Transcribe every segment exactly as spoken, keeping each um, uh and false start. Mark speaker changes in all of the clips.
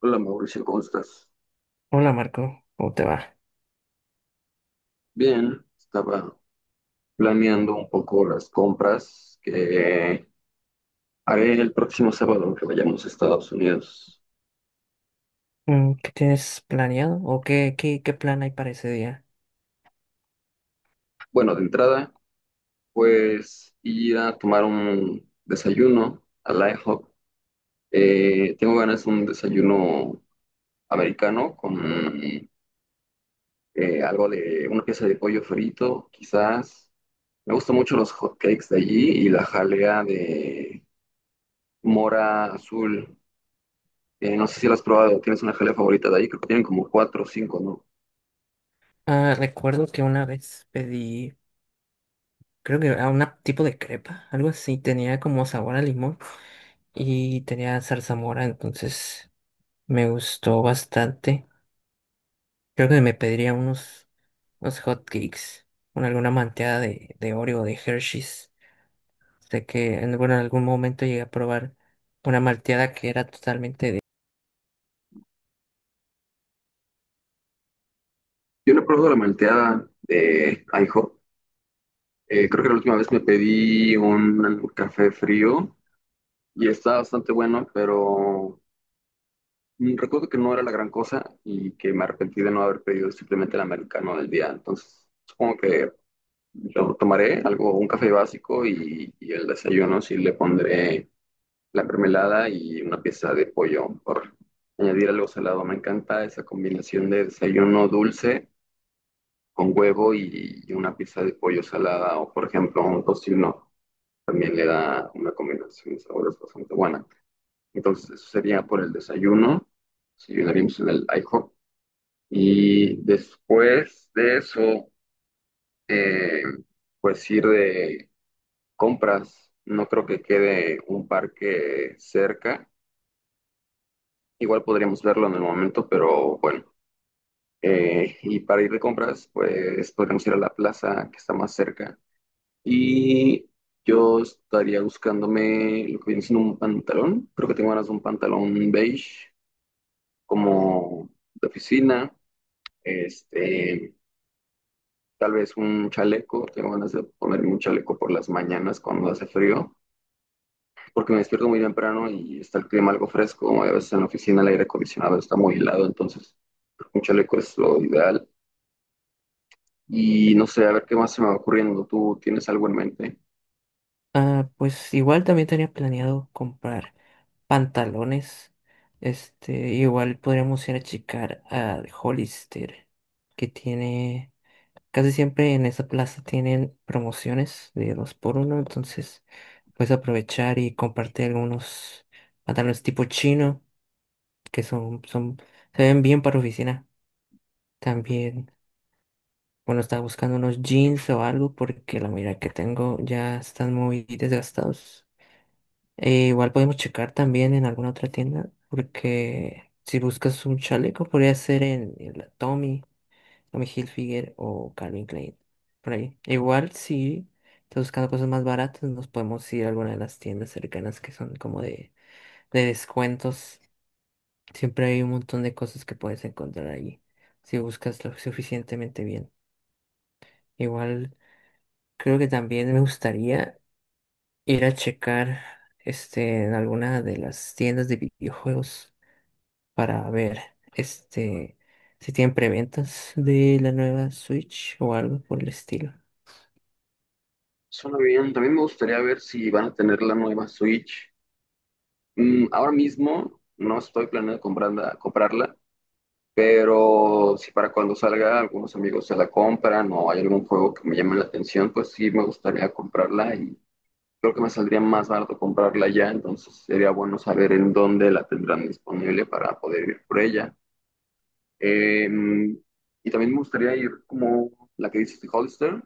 Speaker 1: Hola Mauricio, ¿cómo estás?
Speaker 2: Hola Marco, ¿cómo te va?
Speaker 1: Bien, estaba planeando un poco las compras que haré el próximo sábado que vayamos a Estados Unidos.
Speaker 2: Mm, ¿qué tienes planeado o qué, qué, qué plan hay para ese día?
Speaker 1: Bueno, de entrada, pues ir a tomar un desayuno al I HOP. Eh, tengo ganas de un desayuno americano con eh, algo de una pieza de pollo frito, quizás. Me gustan mucho los hot cakes de allí y la jalea de mora azul. Eh, no sé si la has probado, tienes una jalea favorita de ahí, creo que tienen como cuatro o cinco, ¿no?
Speaker 2: Ah, recuerdo que una vez pedí, creo que a un tipo de crepa, algo así, tenía como sabor a limón y tenía zarzamora, entonces me gustó bastante. Creo que me pediría unos, unos hot cakes, con alguna manteada de, de Oreo o de Hershey's. Sé que en, bueno, en algún momento llegué a probar una malteada que era totalmente.
Speaker 1: Yo no he probado la malteada de I HOP. Eh, creo que la última vez me pedí un café frío y está bastante bueno, pero mm, recuerdo que no era la gran cosa y que me arrepentí de no haber pedido simplemente el americano del día. Entonces, supongo que yo tomaré algo, un café básico y, y el desayuno sí le pondré la mermelada y una pieza de pollo por añadir algo salado. Me encanta esa combinación de desayuno dulce con huevo y, y una pieza de pollo salada o, por ejemplo, un tocino. También le da una combinación de sabores bastante buena. Entonces, eso sería por el desayuno. Desayunaríamos en el I HOP. Y después de eso, eh, pues ir de compras. No creo que quede un parque cerca. Igual podríamos verlo en el momento, pero bueno. Eh, y para ir de compras, pues podríamos ir a la plaza que está más cerca. Y yo estaría buscándome lo que viene siendo un pantalón. Creo que tengo ganas de un pantalón beige, como de oficina. Este, Tal vez un chaleco. Tengo ganas de ponerme un chaleco por las mañanas cuando hace frío, porque me despierto muy temprano y está el clima algo fresco. A veces en la oficina el aire acondicionado está muy helado, entonces un chaleco es lo ideal. Y no sé, a ver qué más se me va ocurriendo. ¿Tú tienes algo en mente?
Speaker 2: Ah, pues igual también tenía planeado comprar pantalones. Este, igual podríamos ir a checar al Hollister, que tiene, casi siempre en esa plaza tienen promociones de dos por uno, entonces puedes aprovechar y comprarte algunos pantalones tipo chino, que son, son, se ven bien para oficina. También, bueno, estaba buscando unos jeans o algo, porque la mayoría que tengo ya están muy desgastados. E igual podemos checar también en alguna otra tienda, porque si buscas un chaleco, podría ser en, en la Tommy, Tommy Hilfiger o Calvin Klein, por ahí. Igual si estás buscando cosas más baratas, nos podemos ir a alguna de las tiendas cercanas que son como de, de descuentos. Siempre hay un montón de cosas que puedes encontrar allí, si buscas lo suficientemente bien. Igual creo que también me gustaría ir a checar este, en alguna de las tiendas de videojuegos, para ver este si tienen preventas de la nueva Switch o algo por el estilo.
Speaker 1: Suena bien. También me gustaría ver si van a tener la nueva Switch. Mm, ahora mismo no estoy planeando comprarla, comprarla, pero si para cuando salga algunos amigos se la compran o hay algún juego que me llame la atención, pues sí me gustaría comprarla y creo que me saldría más barato comprarla ya. Entonces sería bueno saber en dónde la tendrán disponible para poder ir por ella. Em, y también me gustaría ir como la que dices de Hollister,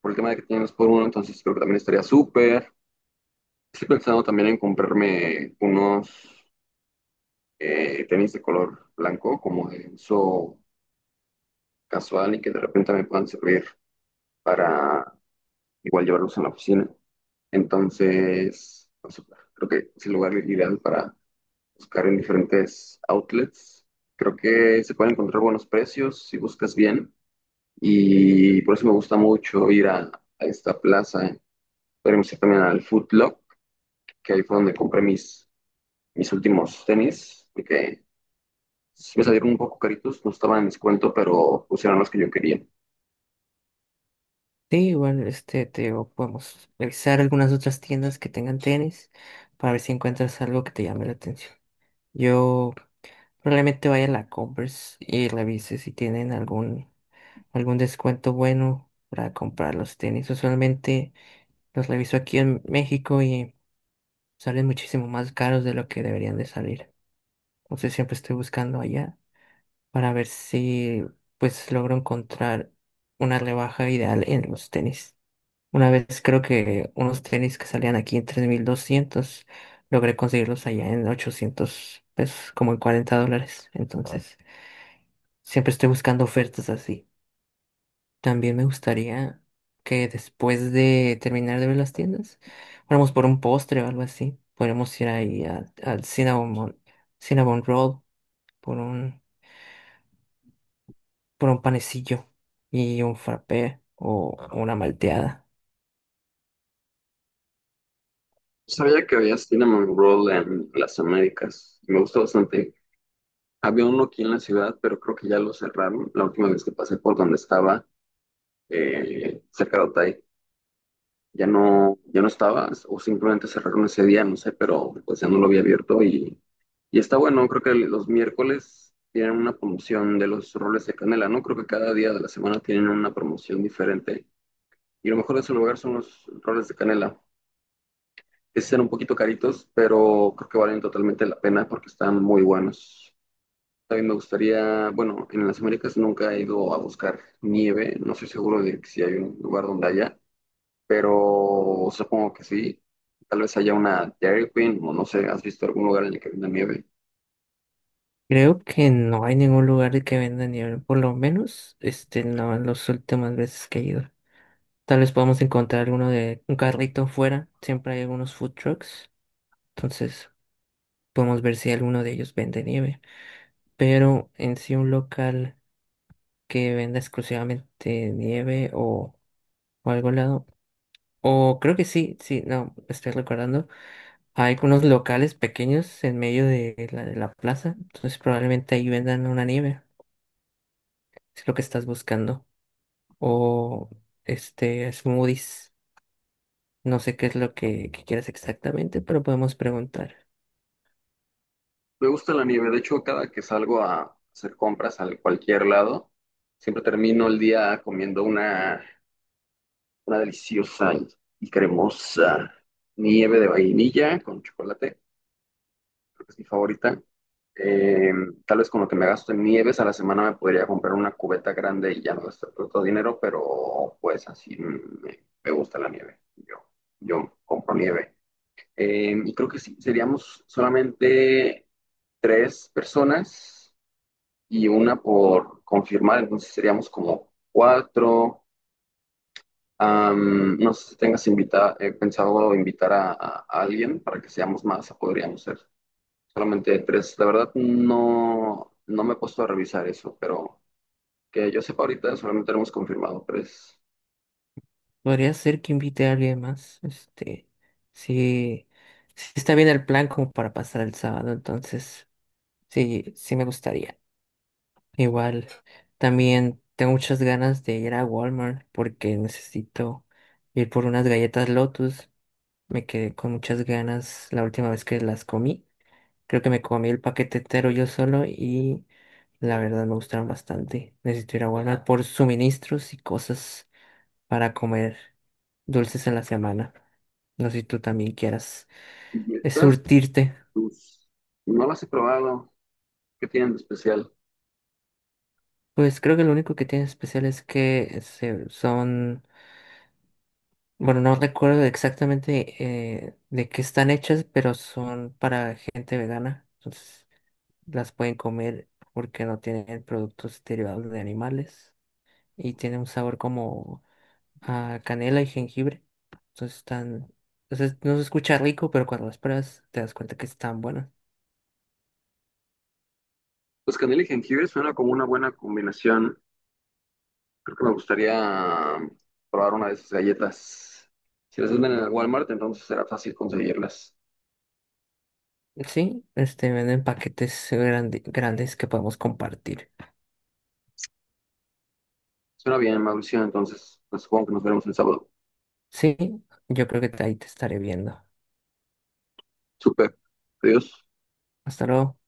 Speaker 1: por el tema de que tienes por uno, entonces creo que también estaría súper. Estoy pensando también en comprarme unos eh, tenis de color blanco, como de uso casual y que de repente me puedan servir para igual llevarlos en la oficina. Entonces, no sé, creo que es el lugar ideal para buscar en diferentes outlets. Creo que se pueden encontrar buenos precios si buscas bien. Y por eso me gusta mucho ir a, a esta plaza. Podemos ir también al Foot Lock, que ahí fue donde compré mis, mis últimos tenis, porque sí me salieron un poco caritos, no estaban en descuento, pero pues eran los que yo quería.
Speaker 2: Sí, igual este te digo, podemos revisar algunas otras tiendas que tengan tenis para ver si encuentras algo que te llame la atención. Yo probablemente vaya a la Converse y revise si tienen algún algún descuento bueno para comprar los tenis. Usualmente los reviso aquí en México y salen muchísimo más caros de lo que deberían de salir. Entonces siempre estoy buscando allá, para ver si pues logro encontrar una rebaja ideal en los tenis. Una vez creo que unos tenis que salían aquí en tres mil doscientos logré conseguirlos allá en ochocientos pesos, como en cuarenta dólares. Ah, entonces, siempre estoy buscando ofertas así. También me gustaría que después de terminar de ver las tiendas, fuéramos por un postre o algo así. Podríamos ir ahí a- al Cinnamon, Cinnamon Roll por un, por un panecillo y un frappé o, ah, una malteada.
Speaker 1: Sabía que había Cinnamon Roll en las Américas, y me gustó bastante. Había uno aquí en la ciudad, pero creo que ya lo cerraron. La última vez que pasé por donde estaba, eh, cerca de Otay, ya no, ya no estaba, o simplemente cerraron ese día, no sé, pero pues ya no lo había abierto y, y está bueno, creo que los miércoles tienen una promoción de los roles de canela, ¿no? Creo que cada día de la semana tienen una promoción diferente y lo mejor de ese lugar son los roles de canela, que sí son un poquito caritos, pero creo que valen totalmente la pena porque están muy buenos. También me gustaría, bueno, en las Américas nunca he ido a buscar nieve, no estoy seguro de que si hay un lugar donde haya, pero supongo que sí. Tal vez haya una Dairy Queen o no sé, ¿has visto algún lugar en el que venda nieve?
Speaker 2: Creo que no hay ningún lugar que venda nieve, por lo menos este no en las últimas veces que he ido. Tal vez podamos encontrar alguno de un carrito fuera, siempre hay algunos food trucks, entonces podemos ver si alguno de ellos vende nieve. Pero en sí un local que venda exclusivamente nieve o, o algo al lado. O creo que sí, sí, no, estoy recordando. Hay unos locales pequeños en medio de la, de la plaza, entonces probablemente ahí vendan una nieve, si es lo que estás buscando. O este smoothies, no sé qué es lo que, que quieras exactamente, pero podemos preguntar.
Speaker 1: Me gusta la nieve, de hecho, cada que salgo a hacer compras a cualquier lado, siempre termino el día comiendo una, una deliciosa y y cremosa nieve de vainilla con chocolate. Creo que es mi favorita. Eh, Tal vez con lo que me gasto en nieves a la semana me podría comprar una cubeta grande y ya no gastar tanto dinero, pero pues así me, me gusta la nieve. Yo, yo compro nieve. Eh, y creo que sí, seríamos solamente tres personas y una por confirmar, entonces seríamos como cuatro. Am, no sé si tengas invita- eh, pensado invitar a, a alguien para que seamos más, podríamos ser solamente tres. La verdad no, no me he puesto a revisar eso, pero que yo sepa ahorita solamente hemos confirmado tres.
Speaker 2: Podría ser que invite a alguien más, este, si, si está bien el plan como para pasar el sábado, entonces sí, sí me gustaría. Igual, también tengo muchas ganas de ir a Walmart porque necesito ir por unas galletas Lotus. Me quedé con muchas ganas la última vez que las comí. Creo que me comí el paquete entero yo solo y la verdad me gustaron bastante. Necesito ir a Walmart por suministros y cosas para comer dulces en la semana. No sé si tú también quieras
Speaker 1: Y
Speaker 2: eh,
Speaker 1: estas,
Speaker 2: surtirte.
Speaker 1: pues, no las he probado. ¿Qué tienen de especial?
Speaker 2: Pues creo que lo único que tiene especial es que se- son, bueno, no recuerdo exactamente eh, de qué están hechas, pero son para gente vegana. Entonces las pueden comer porque no tienen productos derivados de animales y tiene un sabor como a canela y jengibre. Entonces están, entonces no se escucha rico, pero cuando las pruebas te das cuenta que están buenas.
Speaker 1: Pues canela y jengibre suena como una buena combinación. Creo que me gustaría um, probar una de esas galletas. Si las venden en el Walmart, entonces será fácil conseguirlas.
Speaker 2: Sí, este venden paquetes grande- grandes que podemos compartir.
Speaker 1: Suena bien, Mauricio, entonces pues, supongo que nos veremos el sábado.
Speaker 2: Sí, yo creo que ahí te estaré viendo.
Speaker 1: Súper. Adiós.
Speaker 2: Hasta luego.